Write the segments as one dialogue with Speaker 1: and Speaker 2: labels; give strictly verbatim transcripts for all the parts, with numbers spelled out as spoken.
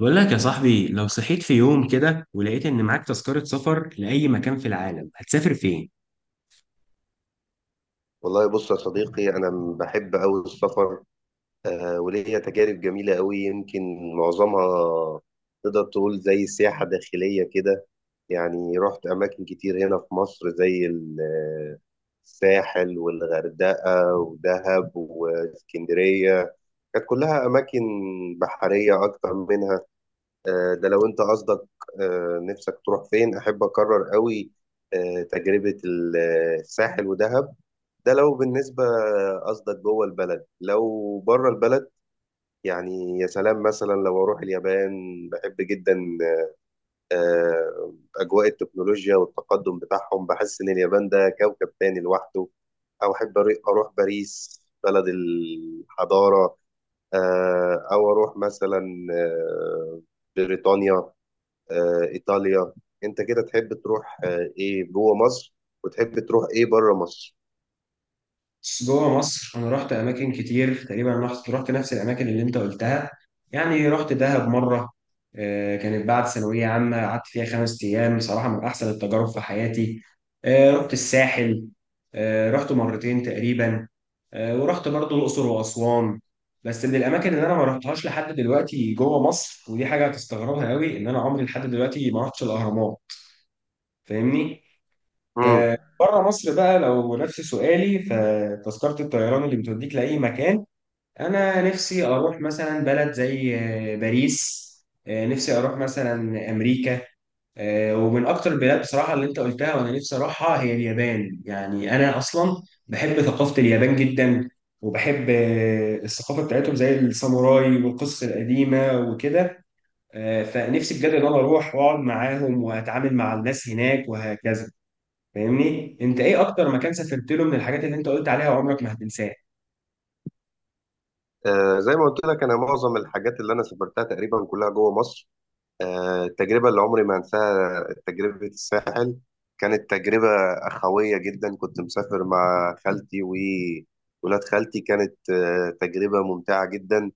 Speaker 1: بقول لك يا صاحبي، لو صحيت في يوم كده ولقيت إن معاك تذكرة سفر لأي مكان في العالم، هتسافر فين؟
Speaker 2: والله بص يا صديقي، أنا بحب أوي السفر. آه وليا تجارب جميلة أوي. يمكن معظمها تقدر تقول زي سياحة داخلية كده. يعني رحت أماكن كتير هنا في مصر زي ال- آه، الساحل والغردقة ودهب واسكندرية. كانت كلها أماكن بحرية أكتر منها. آه ده لو أنت قصدك آه نفسك تروح فين. أحب أكرر أوي آه تجربة ال- آه، الساحل ودهب. ده لو بالنسبة، قصدك جوه البلد. لو بره البلد، يعني يا سلام مثلا لو أروح اليابان، بحب جدا آه، أجواء التكنولوجيا والتقدم بتاعهم. بحس إن اليابان ده كوكب تاني لوحده. أو أحب أري- أروح باريس، بلد الحضارة. آه، أو أروح مثلا آه، بريطانيا، آه، إيطاليا. أنت كده تحب تروح آه، إيه جوه مصر، وتحب تروح إيه بره مصر؟
Speaker 1: بس جوه مصر انا رحت اماكن كتير، تقريبا رحت رحت نفس الاماكن اللي انت قلتها. يعني رحت دهب مره. آه، كانت بعد ثانويه عامه، قعدت فيها خمس ايام. صراحه من احسن التجارب في حياتي. آه، رحت الساحل. آه، رحت مرتين تقريبا. آه، ورحت برضو الاقصر واسوان. بس من الاماكن اللي انا ما رحتهاش لحد دلوقتي جوه مصر، ودي حاجه هتستغربها قوي، ان انا عمري لحد دلوقتي ما رحتش الاهرامات. فاهمني؟ ب-
Speaker 2: مم.
Speaker 1: بره مصر بقى، لو نفس سؤالي، فتذكرة الطيران اللي بتوديك لأي مكان، أنا نفسي أروح مثلا بلد زي آه، باريس. آه، نفسي أروح مثلا أمريكا. آه، ومن أكتر البلاد بصراحة اللي أنت قلتها وأنا نفسي أروحها هي اليابان. يعني أنا أصلا بحب ثقافة اليابان جدا. وبحب آه، الثقافة بتاعتهم زي الساموراي والقصص القديمة وكده. آه، فنفسي بجد إن أنا أروح وأقعد معاهم وأتعامل مع الناس هناك وهكذا. فاهمني؟ انت ايه اكتر مكان سافرت له من الحاجات اللي انت قلت عليها وعمرك ما هتنساه؟
Speaker 2: آه، زي ما قلت لك، انا معظم الحاجات اللي انا سافرتها تقريبا كلها جوه مصر. آه، التجربه اللي عمري ما انساها تجربه الساحل. كانت تجربه اخويه جدا. كنت مسافر مع خالتي وولاد خالتي. كانت آه، تجربه ممتعه جدا.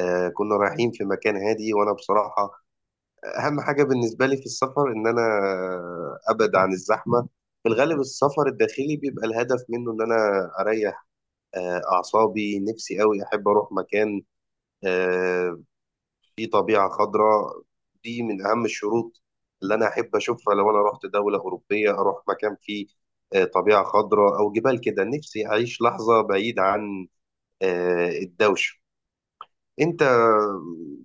Speaker 2: آه، كنا رايحين في مكان هادي، وانا بصراحه اهم حاجه بالنسبه لي في السفر ان انا آه، ابعد عن الزحمه. في الغالب السفر الداخلي بيبقى الهدف منه ان انا اريح آه، اعصابي. نفسي قوي احب اروح مكان آه، في طبيعة خضراء. دي من أهم الشروط اللي أنا أحب أشوفها. لو أنا رحت دولة أوروبية، أروح مكان فيه آه، طبيعة خضراء أو جبال كده. نفسي أعيش لحظة بعيد عن آه، الدوشة. أنت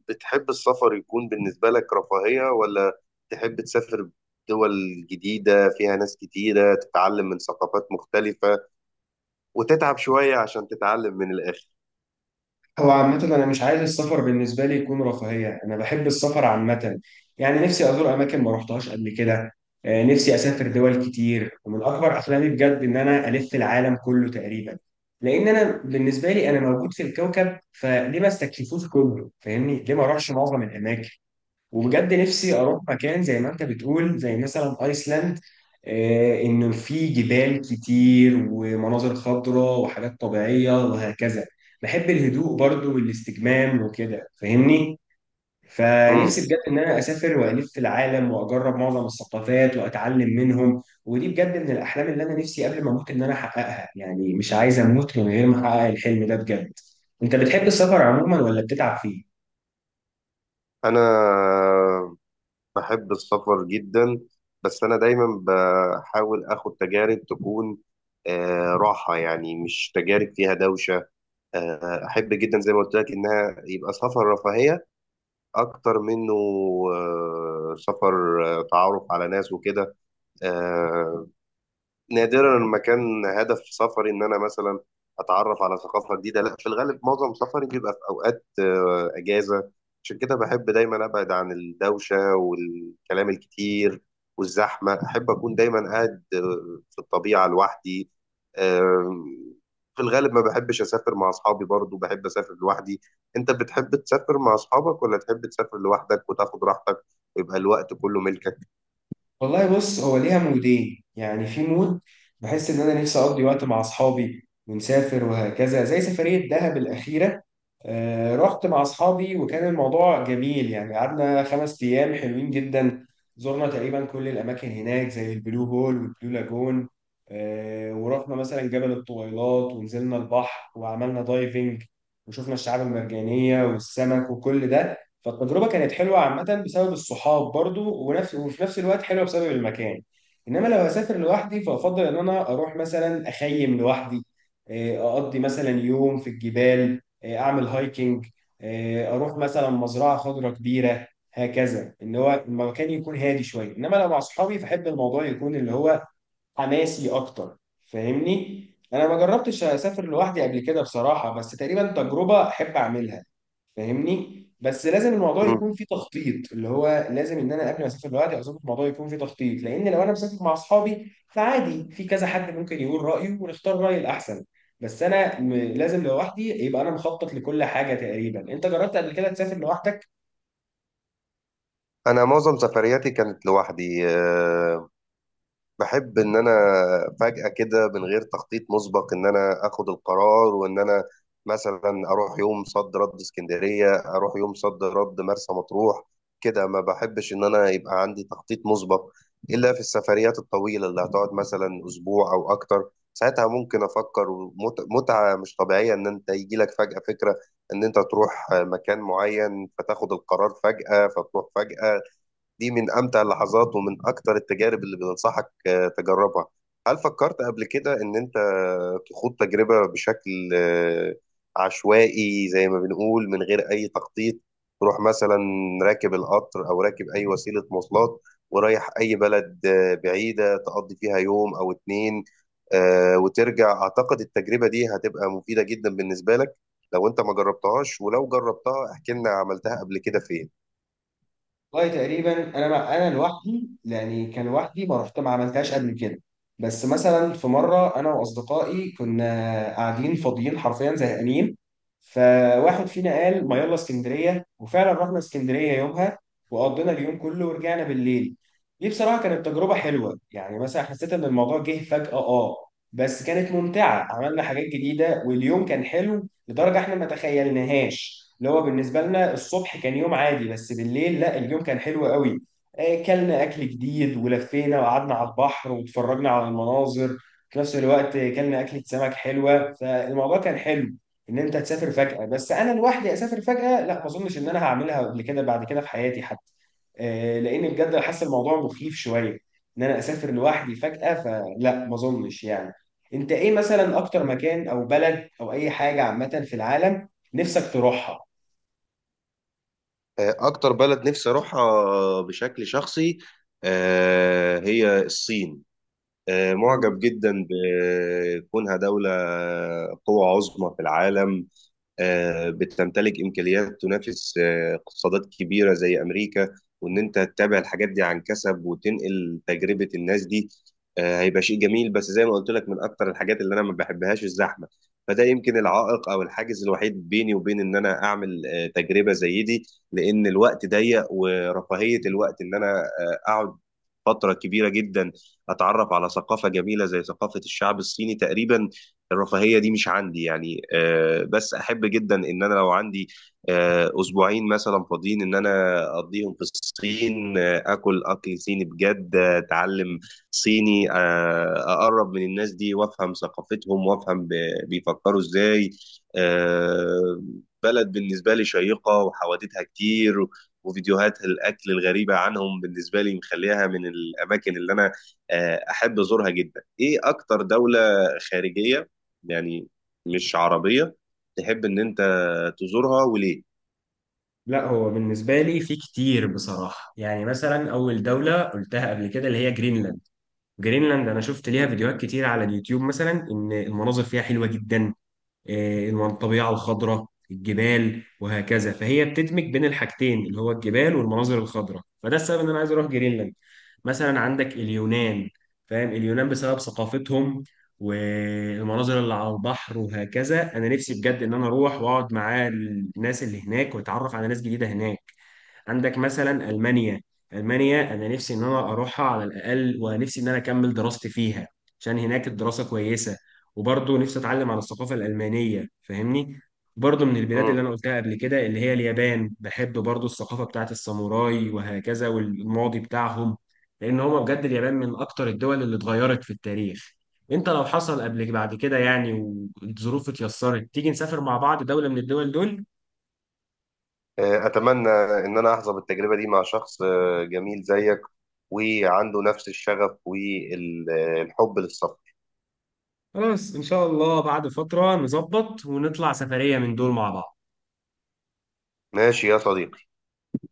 Speaker 2: بتحب السفر يكون بالنسبة لك رفاهية، ولا تحب تسافر دول جديدة فيها ناس كتيرة، تتعلم من ثقافات مختلفة وتتعب شوية عشان تتعلم من الآخر؟
Speaker 1: هو عامة أنا مش عايز السفر بالنسبة لي يكون رفاهية. أنا بحب السفر عامة، يعني نفسي أزور أماكن ما رحتهاش قبل كده. آه، نفسي أسافر دول كتير، ومن أكبر أحلامي بجد إن أنا ألف العالم كله تقريبا. لأن أنا بالنسبة لي أنا موجود في الكوكب، فليه ما استكشفوش كله؟ فاهمني؟ ليه ما أروحش معظم الأماكن؟ وبجد نفسي اروح مكان زي ما انت بتقول، زي مثلا ايسلاند. آه، انه في جبال كتير ومناظر خضراء وحاجات طبيعية وهكذا. بحب الهدوء برضو والاستجمام وكده، فاهمني؟ فنفسي
Speaker 2: مم.
Speaker 1: بجد ان انا اسافر والف في العالم واجرب معظم الثقافات واتعلم منهم، ودي بجد من الاحلام اللي انا نفسي قبل ما اموت ان انا احققها. يعني مش عايز اموت من غير ما احقق الحلم ده بجد. انت بتحب السفر عموما ولا بتتعب فيه؟
Speaker 2: انا بحب السفر جدا، بس أنا دايما بحاول آخد تجارب تكون آه، راحة، يعني مش تجارب فيها دوشة. آه، أحب جدا، زي ما قلت لك، إنها يبقى سفر رفاهية أكتر منه آه، سفر آه، تعرف على ناس وكده. آه، نادرا ما كان هدف سفري ان انا مثلا اتعرف على ثقافه جديده. لا، في الغالب معظم سفري بيبقى في اوقات آه، اجازه. عشان كده بحب دايما ابعد عن الدوشه والكلام الكتير والزحمه. احب اكون دايما قاعد آه، في الطبيعه لوحدي. آم، في الغالب ما بحبش اسافر مع اصحابي. برضو بحب اسافر لوحدي. انت بتحب تسافر مع اصحابك، ولا تحب تسافر لوحدك وتاخد راحتك ويبقى الوقت كله ملكك؟
Speaker 1: والله بص، هو ليها مودين. يعني في مود بحس ان انا نفسي اقضي وقت مع اصحابي ونسافر وهكذا، زي سفرية دهب الأخيرة. آه، رحت مع اصحابي وكان الموضوع جميل. يعني قعدنا خمس ايام حلوين جدا. زرنا تقريبا كل الاماكن هناك زي البلو هول والبلو لاجون. آه، ورحنا مثلا جبل الطويلات، ونزلنا البحر وعملنا دايفنج، وشفنا الشعاب المرجانية والسمك وكل ده. فالتجربه كانت حلوه عامه بسبب الصحاب برضو ونفس، وفي نفس الوقت حلوه بسبب المكان. انما لو هسافر لوحدي فافضل ان انا اروح مثلا اخيم لوحدي. آه، اقضي مثلا يوم في الجبال، آه، اعمل هايكنج. آه، اروح مثلا مزرعه خضراء كبيره. هكذا، ان هو المكان يكون هادي شويه. انما لو مع اصحابي فاحب الموضوع يكون اللي هو حماسي اكتر. فاهمني؟ انا ما جربتش اسافر لوحدي قبل كده بصراحه، بس تقريبا تجربه احب اعملها. فاهمني؟ بس لازم الموضوع
Speaker 2: مم.
Speaker 1: يكون فيه تخطيط، اللي هو لازم ان انا قبل ما اسافر لوحدي او اسافر الموضوع يكون فيه تخطيط. لان لو انا مسافر مع اصحابي فعادي، في كذا حد ممكن يقول رايه ونختار راي الاحسن. بس انا م- لازم لوحدي يبقى انا مخطط لكل حاجه تقريبا. انت جربت قبل كده تسافر لوحدك؟
Speaker 2: انا معظم سفرياتي كانت لوحدي. آه، بحب ان انا فجأة كده، من غير تخطيط مسبق، ان انا اخد القرار وان انا مثلا اروح يوم صد رد اسكندرية، اروح يوم صد رد مرسى مطروح كده. ما بحبش ان انا يبقى عندي تخطيط مسبق الا في السفريات الطويلة اللي هتقعد مثلا اسبوع او اكتر. ساعتها ممكن افكر. ومتعة مش طبيعية ان انت يجي لك فجأة فكرة ان انت تروح مكان معين، فتاخد القرار فجأة فتروح فجأة. دي من أمتع اللحظات ومن أكتر التجارب اللي بننصحك آه، تجربها. هل فكرت قبل كده إن أنت تخوض تجربة بشكل آه، عشوائي، زي ما بنقول، من غير أي تخطيط؟ تروح مثلا راكب القطر أو راكب أي وسيلة مواصلات ورايح أي بلد آه، بعيدة، تقضي فيها يوم أو اتنين آه، وترجع. أعتقد التجربة دي هتبقى مفيدة جدا بالنسبة لك لو أنت ما جربتهاش. ولو جربتها، احكي لنا عملتها قبل كده فين.
Speaker 1: والله تقريبا، انا مع... انا لوحدي، يعني كان لوحدي ما رحت ما عملتهاش قبل كده. بس مثلا في مره انا واصدقائي كنا قاعدين فاضيين حرفيا زهقانين، فواحد فينا قال ما يلا اسكندريه. وفعلا رحنا اسكندريه يومها، وقضينا اليوم كله ورجعنا بالليل. دي بصراحه كانت تجربه حلوه. يعني مثلا حسيت ان الموضوع جه فجاه. اه بس كانت ممتعه، عملنا حاجات جديده واليوم كان حلو. لدرجه احنا ما تخيلناهاش، اللي هو بالنسبه لنا الصبح كان يوم عادي، بس بالليل لا، اليوم كان حلو قوي. آه، كلنا اكل جديد، ولفينا وقعدنا على البحر واتفرجنا على المناظر. في نفس الوقت كلنا اكله سمك حلوه، فالموضوع كان حلو. ان انت تسافر فجاه، بس انا لوحدي اسافر فجاه لا، ما اظنش ان انا هعملها قبل كده بعد كده في حياتي حتى. آه، لان بجد حاسس الموضوع مخيف شويه، ان انا اسافر لوحدي فجاه، فلا ما اظنش يعني. انت ايه مثلا اكتر مكان او بلد او اي حاجة عامة في العالم نفسك تروحها؟
Speaker 2: آه، أكتر بلد نفسي أروحها بشكل شخصي آه، هي الصين. آه، معجب
Speaker 1: مم.
Speaker 2: جدا بكونها دولة قوة عظمى في العالم. آه، بتمتلك امكانيات تنافس آه، اقتصادات كبيره زي امريكا. وان انت تتابع الحاجات دي عن كسب، وتنقل تجربه الناس دي، آه، هيبقى شيء جميل. بس زي ما قلت لك، من اكتر الحاجات اللي انا ما بحبهاش الزحمه. فده يمكن العائق او الحاجز الوحيد بيني وبين ان انا اعمل آه، تجربه زي دي، لان الوقت ضيق، ورفاهيه الوقت ان انا آه، اقعد فتره كبيره جدا اتعرف على ثقافه جميله زي ثقافه الشعب الصيني تقريبا، الرفاهية دي مش عندي يعني. آه، بس أحب جدا إن أنا لو عندي آه، أسبوعين مثلا فاضيين إن أنا أقضيهم في الصين، آه، آكل أكل صيني بجد، آه، أتعلم صيني، آه، أقرب من الناس دي وأفهم ثقافتهم وأفهم ب- بيفكروا إزاي. آه، بلد بالنسبة لي شيقة وحوادثها كتير، وفيديوهات الأكل الغريبة عنهم بالنسبة لي مخليها من الأماكن اللي أنا آه، أحب أزورها جدا. إيه أكتر دولة خارجية، يعني مش عربية، تحب إن أنت تزورها وليه؟
Speaker 1: لا، هو بالنسبة لي في كتير بصراحة. يعني مثلا أول دولة قلتها قبل كده اللي هي جرينلاند. جرينلاند أنا شفت ليها
Speaker 2: مم.
Speaker 1: فيديوهات كتير على اليوتيوب، مثلا إن المناظر فيها حلوة جدا. آه، الطبيعة الخضراء، الجبال وهكذا. فهي بتدمج بين الحاجتين اللي هو الجبال والمناظر الخضراء، فده السبب ان انا عايز اروح جرينلاند. مثلا عندك اليونان. فاهم؟ اليونان بسبب ثقافتهم، والمناظر اللي على البحر وهكذا. انا نفسي بجد ان انا اروح واقعد مع الناس اللي هناك واتعرف على ناس جديدة هناك. عندك مثلا المانيا. المانيا انا نفسي ان انا اروحها على الاقل، ونفسي ان انا اكمل دراستي فيها، عشان هناك الدراسه كويسه. وبرضه نفسي اتعلم عن الثقافه الالمانيه، فاهمني؟ برضه من البلاد اللي
Speaker 2: مم.
Speaker 1: انا قلتها قبل كده اللي هي اليابان، بحب برضه الثقافه بتاعت الساموراي وهكذا، والماضي بتاعهم. لان هما بجد اليابان من اكتر الدول اللي اتغيرت في التاريخ. انت لو حصل قبلك بعد كده، يعني والظروف اتيسرت، تيجي نسافر مع بعض دولة من الدول دول؟
Speaker 2: آه، أتمنى إن أنا أحظى بالتجربة دي مع شخص آه، جميل زيك، وعنده نفس الشغف والحب للسفر.
Speaker 1: خلاص، ان شاء الله بعد فترة نظبط ونطلع سفرية من دول مع بعض.
Speaker 2: ماشي يا صديقي.